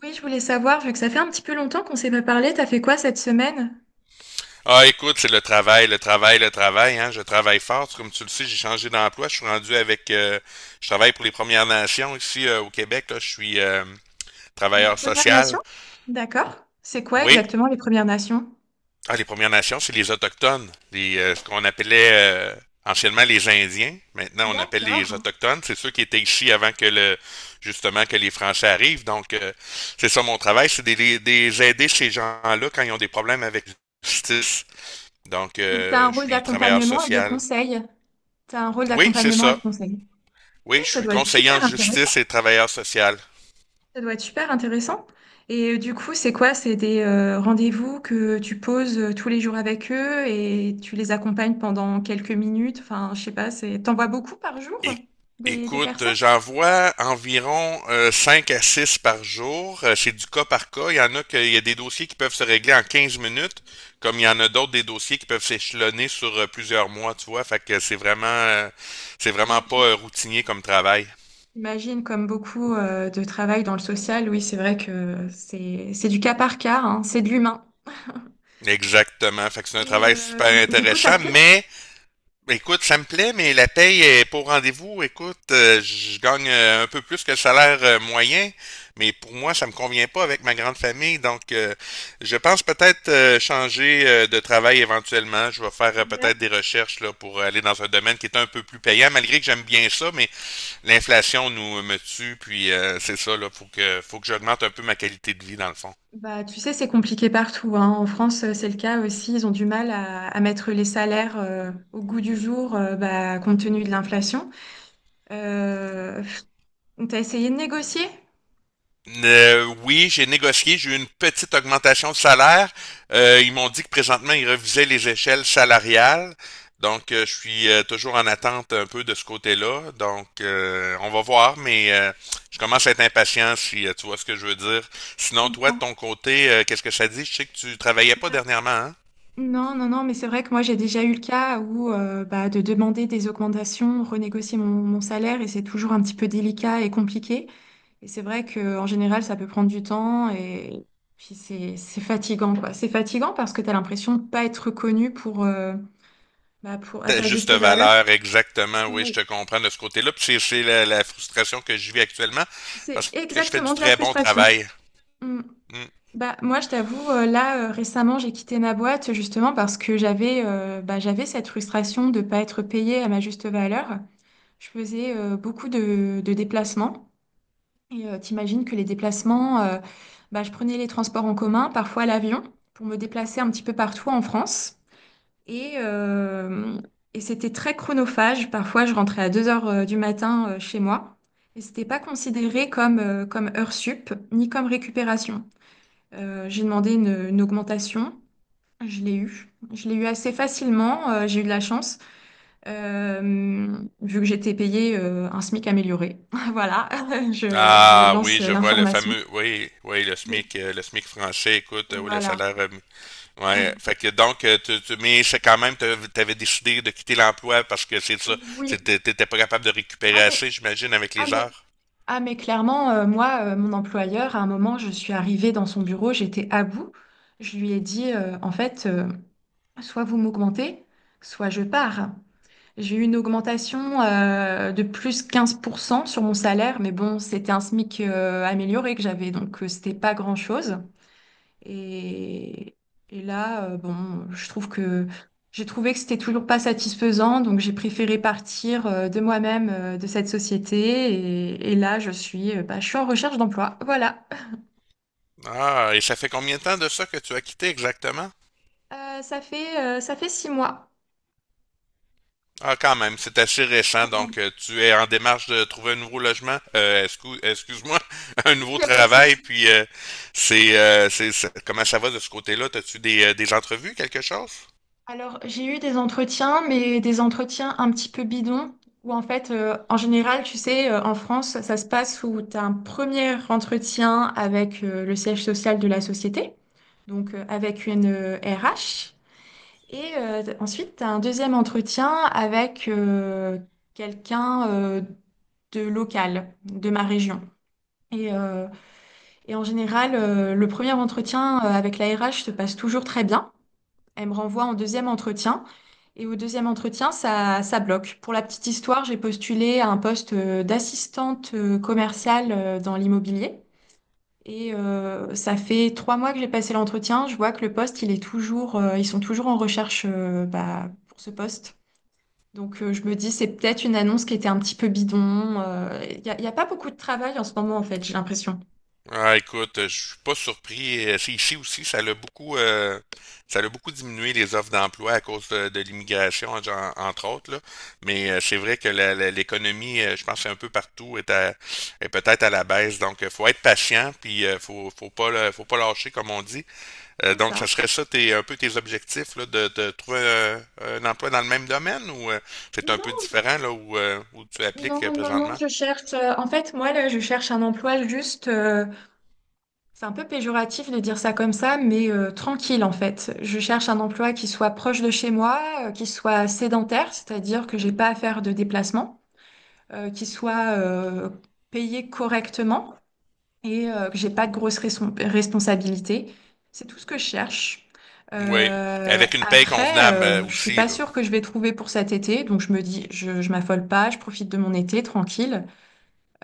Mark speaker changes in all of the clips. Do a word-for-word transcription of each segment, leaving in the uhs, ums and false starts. Speaker 1: Oui, je voulais savoir, vu que ça fait un petit peu longtemps qu'on s'est pas parlé, t'as fait quoi cette semaine?
Speaker 2: Ah, écoute, c'est le travail, le travail, le travail. Hein. Je travaille fort. Tu- Comme tu le sais, j'ai changé d'emploi. Je suis rendu avec... euh, je travaille pour les Premières Nations ici, euh, au Québec. Là. Je suis euh,
Speaker 1: Les
Speaker 2: travailleur
Speaker 1: Premières
Speaker 2: social.
Speaker 1: Nations? D'accord. C'est quoi
Speaker 2: Oui.
Speaker 1: exactement les Premières Nations?
Speaker 2: Ah, les Premières Nations, c'est les Autochtones. Les, euh, ce qu'on appelait euh, anciennement les Indiens. Maintenant, on appelle les
Speaker 1: D'accord.
Speaker 2: Autochtones. C'est ceux qui étaient ici avant que le justement que les Français arrivent. Donc, euh, c'est ça mon travail, c'est des, des aider ces gens-là quand ils ont des problèmes avec la justice. Donc,
Speaker 1: Donc t'as un
Speaker 2: euh, je
Speaker 1: rôle
Speaker 2: suis travailleur
Speaker 1: d'accompagnement et de
Speaker 2: social.
Speaker 1: conseil. T'as un rôle
Speaker 2: Oui, c'est
Speaker 1: d'accompagnement et de
Speaker 2: ça.
Speaker 1: conseil. Ok,
Speaker 2: Oui, je
Speaker 1: ça
Speaker 2: suis
Speaker 1: doit être
Speaker 2: conseiller en
Speaker 1: super intéressant.
Speaker 2: justice et travailleur social.
Speaker 1: Ça doit être super intéressant. Et euh, du coup, c'est quoi? C'est des euh, rendez-vous que tu poses euh, tous les jours avec eux et tu les accompagnes pendant quelques minutes. Enfin, je sais pas, c'est t'envoies beaucoup par jour
Speaker 2: É-
Speaker 1: des, des personnes?
Speaker 2: Écoute, j'en vois environ euh, cinq à six par jour. Euh, C'est du cas par cas. Il y en a que, il y a des dossiers qui peuvent se régler en quinze minutes, comme il y en a d'autres des dossiers qui peuvent s'échelonner sur euh, plusieurs mois, tu vois. Fait que c'est vraiment euh, c'est vraiment pas euh, routinier comme travail.
Speaker 1: J'imagine, comme beaucoup euh, de travail dans le social, oui, c'est vrai que c'est c'est du cas par cas, hein, c'est de l'humain.
Speaker 2: Exactement. Fait que c'est un
Speaker 1: Et
Speaker 2: travail super
Speaker 1: euh, du coup, ça
Speaker 2: intéressant,
Speaker 1: te plaît?
Speaker 2: mais ben, écoute, ça me plaît, mais la paye est pour rendez-vous. Écoute, euh, je gagne euh, un peu plus que le salaire euh, moyen, mais pour moi, ça me convient pas avec ma grande famille. Donc, euh, je pense peut-être euh, changer euh, de travail éventuellement. Je vais faire euh,
Speaker 1: C'est vrai.
Speaker 2: peut-être des recherches là, pour aller dans un domaine qui est un peu plus payant, malgré que j'aime bien ça, mais l'inflation nous me tue. Puis euh, c'est ça, là, faut que faut que j'augmente un peu ma qualité de vie dans le fond.
Speaker 1: Bah, tu sais, c'est compliqué partout, hein. En France, euh, c'est le cas aussi. Ils ont du mal à, à mettre les salaires euh, au goût du jour, euh, bah, compte tenu de l'inflation. Euh, on t'a essayé de négocier?
Speaker 2: Euh, oui, j'ai négocié, j'ai eu une petite augmentation de salaire. Euh, ils m'ont dit que présentement, ils revisaient les échelles salariales. Donc, euh, je suis euh, toujours en attente un peu de ce côté-là. Donc, euh, on va voir, mais euh, je commence à être impatient, si euh, tu vois ce que je veux dire.
Speaker 1: Je
Speaker 2: Sinon, toi, de
Speaker 1: comprends.
Speaker 2: ton côté, euh, qu'est-ce que ça dit? Je sais que tu travaillais pas
Speaker 1: Bah,
Speaker 2: dernièrement, hein?
Speaker 1: non, non, non, mais c'est vrai que moi j'ai déjà eu le cas où euh, bah, de demander des augmentations, renégocier mon, mon salaire et c'est toujours un petit peu délicat et compliqué. Et c'est vrai qu'en général, ça peut prendre du temps et puis c'est c'est fatigant, quoi. C'est fatigant parce que tu as l'impression de ne pas être reconnu pour, euh, bah, pour, à
Speaker 2: Ta
Speaker 1: ta
Speaker 2: juste
Speaker 1: juste valeur.
Speaker 2: valeur, exactement,
Speaker 1: Ah
Speaker 2: oui, je
Speaker 1: oui.
Speaker 2: te comprends de ce côté-là. Puis c'est c'est la, la frustration que je vis actuellement
Speaker 1: C'est
Speaker 2: parce que je fais du
Speaker 1: exactement de la
Speaker 2: très bon
Speaker 1: frustration.
Speaker 2: travail.
Speaker 1: Mm.
Speaker 2: Hmm.
Speaker 1: Bah, moi, je t'avoue, euh, là, euh, récemment, j'ai quitté ma boîte justement parce que j'avais euh, bah, j'avais cette frustration de ne pas être payée à ma juste valeur. Je faisais euh, beaucoup de, de déplacements. Et euh, t'imagines que les déplacements, euh, bah, je prenais les transports en commun, parfois l'avion, pour me déplacer un petit peu partout en France. Et, euh, et c'était très chronophage. Parfois, je rentrais à deux heures euh, du matin euh, chez moi. Et c'était pas considéré comme, euh, comme heure sup, ni comme récupération. Euh, j'ai demandé une, une augmentation. Je l'ai eu. Je l'ai eu assez facilement. Euh, j'ai eu de la chance, euh, vu que j'étais payée euh, un SMIC amélioré. Voilà, je, je
Speaker 2: Ah
Speaker 1: lance
Speaker 2: oui,
Speaker 1: euh,
Speaker 2: je vois le
Speaker 1: l'information.
Speaker 2: fameux, oui, oui, le
Speaker 1: Mm.
Speaker 2: SMIC, euh, le SMIC français, écoute, euh, oui, le
Speaker 1: Voilà.
Speaker 2: salaire, euh, ouais,
Speaker 1: Mm.
Speaker 2: fait que donc, euh, tu, tu- mais c'est quand même, t'av- t'avais décidé de quitter l'emploi parce que c'est ça,
Speaker 1: Oui.
Speaker 2: c'était- t'étais pas capable de récupérer
Speaker 1: Ah mais,
Speaker 2: assez, j'imagine, avec
Speaker 1: ah
Speaker 2: les
Speaker 1: mais,
Speaker 2: heures.
Speaker 1: ah mais clairement, euh, moi, euh, mon employeur, à un moment, je suis arrivée dans son bureau, j'étais à bout. Je lui ai dit, euh, en fait, euh, soit vous m'augmentez, soit je pars. J'ai eu une augmentation euh, de plus quinze pour cent sur mon salaire, mais bon, c'était un SMIC euh, amélioré que j'avais, donc euh, c'était pas grand-chose. Et, et là, euh, bon, je trouve que j'ai trouvé que c'était toujours pas satisfaisant, donc j'ai préféré partir euh, de moi-même euh, de cette société. Et, et là, je suis, euh, bah, je suis en recherche d'emploi. Voilà.
Speaker 2: Ah, et ça fait combien de temps de ça que tu as quitté exactement?
Speaker 1: Euh, ça fait, euh, ça fait six mois.
Speaker 2: Ah, quand même, c'est assez récent,
Speaker 1: Il
Speaker 2: donc euh, tu es en démarche de trouver un nouveau logement, euh, excuse, excuse-moi, un nouveau
Speaker 1: n'y a pas de
Speaker 2: travail,
Speaker 1: souci.
Speaker 2: puis euh, c'est, euh, c'est, c'est- comment ça va de ce côté-là? T'as-tu des, euh, des entrevues, quelque chose?
Speaker 1: Alors, j'ai eu des entretiens, mais des entretiens un petit peu bidons, où en fait, euh, en général, tu sais, euh, en France, ça se passe où tu as un premier entretien avec euh, le siège social de la société. Donc euh, avec une euh, R H. Et euh, ensuite, tu as un deuxième entretien avec euh, quelqu'un euh, de local, de ma région. Et, euh, et en général, euh, le premier entretien euh, avec la R H se passe toujours très bien. Elle me renvoie en deuxième entretien. Et au deuxième entretien, ça, ça bloque. Pour la petite histoire, j'ai postulé à un poste euh, d'assistante euh, commerciale euh, dans l'immobilier. Et euh, ça fait trois mois que j'ai passé l'entretien. Je vois que le poste, il est toujours, euh, ils sont toujours en recherche euh, bah, pour ce poste. Donc euh, je me dis, c'est peut-être une annonce qui était un petit peu bidon. Euh, Il n'y a, il y a pas beaucoup de travail en ce moment, en fait, j'ai l'impression.
Speaker 2: Ah, écoute, euh, je suis pas surpris. Euh, C'est ici aussi, ça l'a beaucoup, euh, ça l'a beaucoup diminué les offres d'emploi à cause de, de l'immigration, en- entre autres, là. Mais euh, c'est vrai que la- la- l'économie, euh, je pense, que c'est un peu partout est, à- est peut-être à la baisse. Donc, euh, faut être patient, puis euh, faut, faut pas, le- faut pas lâcher, comme on dit. Euh,
Speaker 1: C'est
Speaker 2: donc,
Speaker 1: ça.
Speaker 2: ça serait ça, tes, un peu tes objectifs, là, de, de trouver euh, un, emploi dans le même domaine, ou euh, c'est un peu
Speaker 1: Non,
Speaker 2: différent là où, euh, où tu appliques euh,
Speaker 1: non, non, non,
Speaker 2: présentement?
Speaker 1: je cherche. Euh, en fait, moi, là, je cherche un emploi juste. Euh, c'est un peu péjoratif de dire ça comme ça, mais euh, tranquille, en fait. Je cherche un emploi qui soit proche de chez moi, euh, qui soit sédentaire, c'est-à-dire que j'ai pas à faire de déplacement. Euh, qui soit euh, payé correctement et euh, que j'ai pas de grosses raison- responsabilités. C'est tout ce que je cherche.
Speaker 2: Oui,
Speaker 1: Euh,
Speaker 2: avec une paye
Speaker 1: après,
Speaker 2: convenable euh,
Speaker 1: euh, je suis
Speaker 2: aussi,
Speaker 1: pas
Speaker 2: là.
Speaker 1: sûre que je vais trouver pour cet été, donc je me dis, je, je m'affole pas, je profite de mon été tranquille.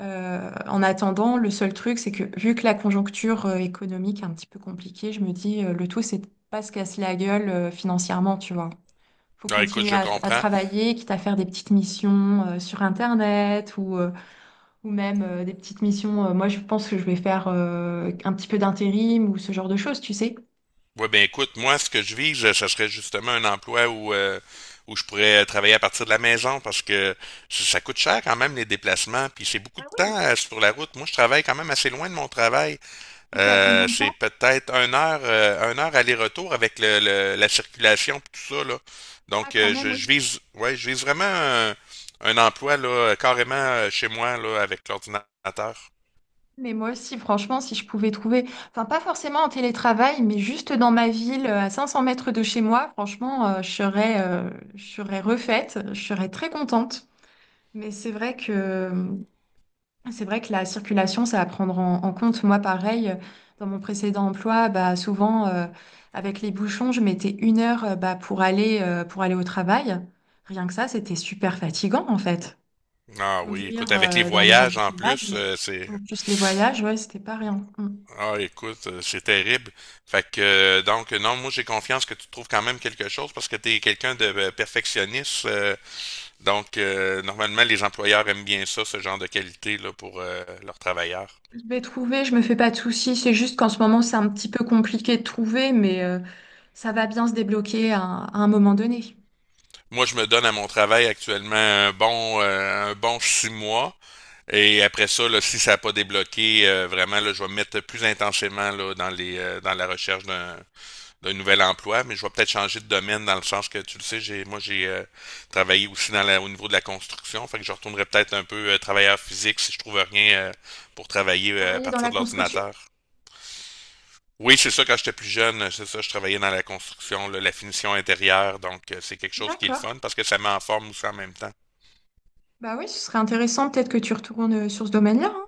Speaker 1: Euh, en attendant, le seul truc, c'est que vu que la conjoncture euh, économique est un petit peu compliquée, je me dis, euh, le tout, c'est de pas se casser la gueule euh, financièrement, tu vois. Faut
Speaker 2: Ah, écoute,
Speaker 1: continuer
Speaker 2: je
Speaker 1: à, à
Speaker 2: comprends.
Speaker 1: travailler, quitte à faire des petites missions euh, sur Internet ou euh, ou même euh, des petites missions. Euh, moi, je pense que je vais faire euh, un petit peu d'intérim ou ce genre de choses, tu sais.
Speaker 2: Ouais, ben écoute, moi, ce que je vise, euh, ça serait justement un emploi où, euh, où je pourrais euh, travailler à partir de la maison parce que ça ça coûte cher quand même les déplacements, puis c'est beaucoup
Speaker 1: Ah
Speaker 2: de
Speaker 1: oui,
Speaker 2: temps euh, sur la route. Moi, je travaille quand même assez loin de mon travail.
Speaker 1: et t'es à
Speaker 2: Euh,
Speaker 1: combien de
Speaker 2: c'est
Speaker 1: temps?
Speaker 2: peut-être une heure, euh, une heure aller-retour avec le, le- la circulation puis tout ça, là.
Speaker 1: Ah
Speaker 2: Donc,
Speaker 1: quand
Speaker 2: euh,
Speaker 1: même,
Speaker 2: je,
Speaker 1: oui.
Speaker 2: je vise, ouais, je vise vraiment un, un emploi là, carrément euh, chez moi là, avec l'ordinateur.
Speaker 1: Mais moi aussi, franchement, si je pouvais trouver, enfin pas forcément en télétravail, mais juste dans ma ville, euh, à cinq cents mètres de chez moi, franchement, euh, je serais, euh, je serais refaite, je serais très contente. Mais c'est vrai que C'est vrai que la circulation, c'est à prendre en, en compte. Moi, pareil, euh, dans mon précédent emploi, bah, souvent, euh, avec les bouchons, je mettais une heure, euh, bah, pour aller, euh, pour aller au travail. Rien que ça, c'était super fatigant, en fait.
Speaker 2: Ah oui, écoute,
Speaker 1: Conduire,
Speaker 2: avec les
Speaker 1: euh, dans les
Speaker 2: voyages en
Speaker 1: embouteillages,
Speaker 2: plus,
Speaker 1: euh,
Speaker 2: euh, c'est...
Speaker 1: en plus les voyages, ouais, c'était pas rien. Mm.
Speaker 2: Ah, écoute, euh, c'est terrible. Fait que, euh, donc, non, moi, j'ai confiance que tu trouves quand même quelque chose parce que tu es quelqu'un de euh, perfectionniste. Euh, donc, euh, normalement, les employeurs aiment bien ça, ce genre de qualité là, pour euh, leurs travailleurs.
Speaker 1: Je vais trouver, je me fais pas de soucis. C'est juste qu'en ce moment, c'est un petit peu compliqué de trouver, mais euh, ça va bien se débloquer à un à un moment donné.
Speaker 2: Moi, je me donne à mon travail actuellement un bon, euh, un bon six mois. Et après ça, là, si ça n'a pas débloqué, euh, vraiment, là, je vais me mettre plus intensément là, dans les, euh, dans la recherche d'un d'un nouvel emploi, mais je vais peut-être changer de domaine dans le sens que tu le sais, j'ai moi j'ai euh, travaillé aussi dans la, au niveau de la construction, fait que je retournerai peut-être un peu euh, travailleur physique si je trouve rien euh, pour travailler euh, à
Speaker 1: Travailler dans
Speaker 2: partir
Speaker 1: la
Speaker 2: de
Speaker 1: construction?
Speaker 2: l'ordinateur. Oui, c'est ça, quand j'étais plus jeune, c'est ça, je travaillais dans la construction, là, la finition intérieure, donc euh, c'est quelque chose qui est le
Speaker 1: D'accord.
Speaker 2: fun parce que ça met en forme aussi en même temps.
Speaker 1: Bah oui, ce serait intéressant peut-être que tu retournes euh, sur ce domaine-là. Hein.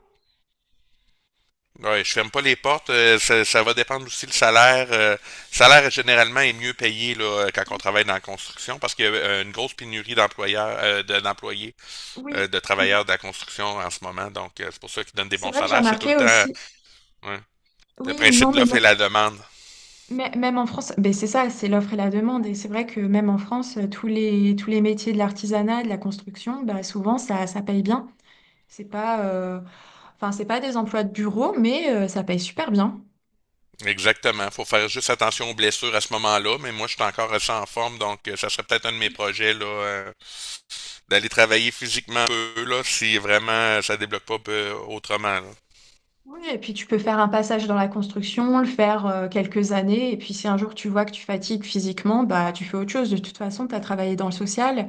Speaker 2: Ouais, je ferme pas les portes. Euh, ça, ça, va dépendre aussi le salaire. Euh, le salaire généralement est mieux payé là, euh, quand on travaille dans la construction parce qu'il y a euh, une grosse pénurie d'employeurs, euh, de- d'employés euh,
Speaker 1: Oui,
Speaker 2: de
Speaker 1: mm,
Speaker 2: travailleurs de la construction en ce moment. Donc, euh, c'est pour ça qu'ils donnent des
Speaker 1: c'est
Speaker 2: bons
Speaker 1: vrai que j'ai
Speaker 2: salaires. C'est tout le
Speaker 1: remarqué
Speaker 2: temps euh,
Speaker 1: aussi.
Speaker 2: ouais, le
Speaker 1: Oui,
Speaker 2: principe
Speaker 1: non,
Speaker 2: de l'offre
Speaker 1: mais,
Speaker 2: et la demande.
Speaker 1: mê- mê- même en France, ben c'est ça, c'est l'offre et la demande. Et c'est vrai que même en France, euh, tous les, tous les métiers de l'artisanat, de la construction, bah, souvent ça, ça paye bien. C'est pas, euh, enfin, c'est pas des emplois de bureau, mais euh, ça paye super bien.
Speaker 2: Exactement. Faut faire juste attention aux blessures à ce moment-là. Mais moi, je suis encore assez en forme. Donc, euh, ça serait peut-être un de mes projets là, euh, d'aller travailler physiquement un peu là, si vraiment euh, ça débloque pas euh, autrement, là.
Speaker 1: Oui, et puis tu peux faire un passage dans la construction, le faire euh, quelques années, et puis si un jour tu vois que tu fatigues physiquement, bah tu fais autre chose. De toute façon, tu as travaillé dans le social.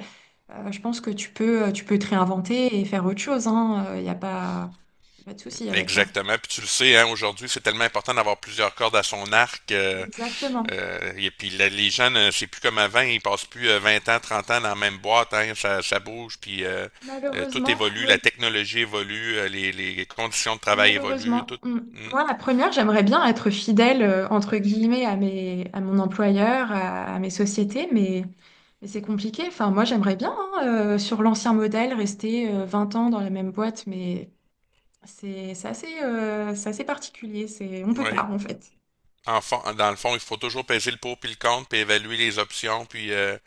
Speaker 1: Euh, je pense que tu peux, euh, tu peux te réinventer et faire autre chose, hein. Il n'y a pas, Y a pas de souci avec ça.
Speaker 2: Exactement. Puis tu le sais, hein, aujourd'hui, c'est tellement important d'avoir plusieurs cordes à son arc. Euh,
Speaker 1: Exactement.
Speaker 2: Euh, et puis là, les gens, c'est plus comme avant, ils passent plus euh, vingt ans, trente ans dans la même boîte, hein, ça, ça bouge, puis euh, euh, tout
Speaker 1: Malheureusement,
Speaker 2: évolue, la
Speaker 1: oui,
Speaker 2: technologie évolue, euh, les, les conditions de travail évoluent, tout.
Speaker 1: malheureusement. Mm.
Speaker 2: Mm,
Speaker 1: Moi, la première, j'aimerais bien être fidèle, euh, entre guillemets, à mes, à mon employeur, à, à mes sociétés, mais, mais c'est compliqué. Enfin, moi, j'aimerais bien, hein, euh, sur l'ancien modèle, rester euh, vingt ans dans la même boîte, mais c'est c'est assez, euh, c'est assez particulier. C'est, on peut pas,
Speaker 2: oui.
Speaker 1: en fait.
Speaker 2: En fond- dans le fond, il faut toujours peser le pour puis le contre, puis évaluer les options, puis euh,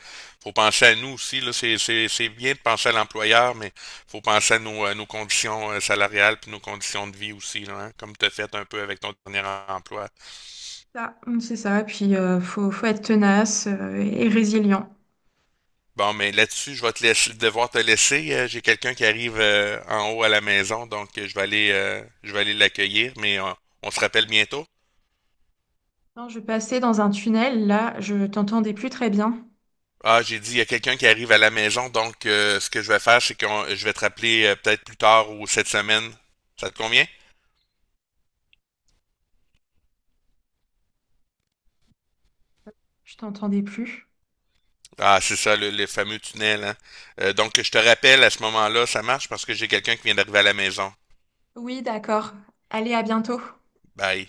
Speaker 2: faut penser à nous aussi, là, c'est, c'est, c'est bien de penser à l'employeur, mais faut penser à nos, euh, nos conditions euh, salariales puis nos conditions de vie aussi, là, hein, comme tu as fait un peu avec ton dernier emploi.
Speaker 1: Ça, mmh, c'est ça. Puis euh, faut, faut être tenace euh, et résilient.
Speaker 2: Bon, mais là-dessus, je vais te laisser, devoir te laisser. Euh, J'ai quelqu'un qui arrive euh, en haut à la maison, donc euh, je vais aller, euh, je vais aller l'accueillir, mais euh, on se rappelle bientôt.
Speaker 1: Non, je passais dans un tunnel, là, je t'entendais plus très bien.
Speaker 2: Ah, j'ai dit, il y a quelqu'un qui arrive à la maison, donc euh, ce que je vais faire, c'est que je vais te rappeler euh, peut-être plus tard ou cette semaine. Ça te convient?
Speaker 1: Je t'entendais plus.
Speaker 2: Ah, c'est ça, le, le fameux tunnel, hein. Euh, donc, je te rappelle à ce moment-là, ça marche parce que j'ai quelqu'un qui vient d'arriver à la maison.
Speaker 1: Oui, d'accord. Allez, à bientôt.
Speaker 2: Bye.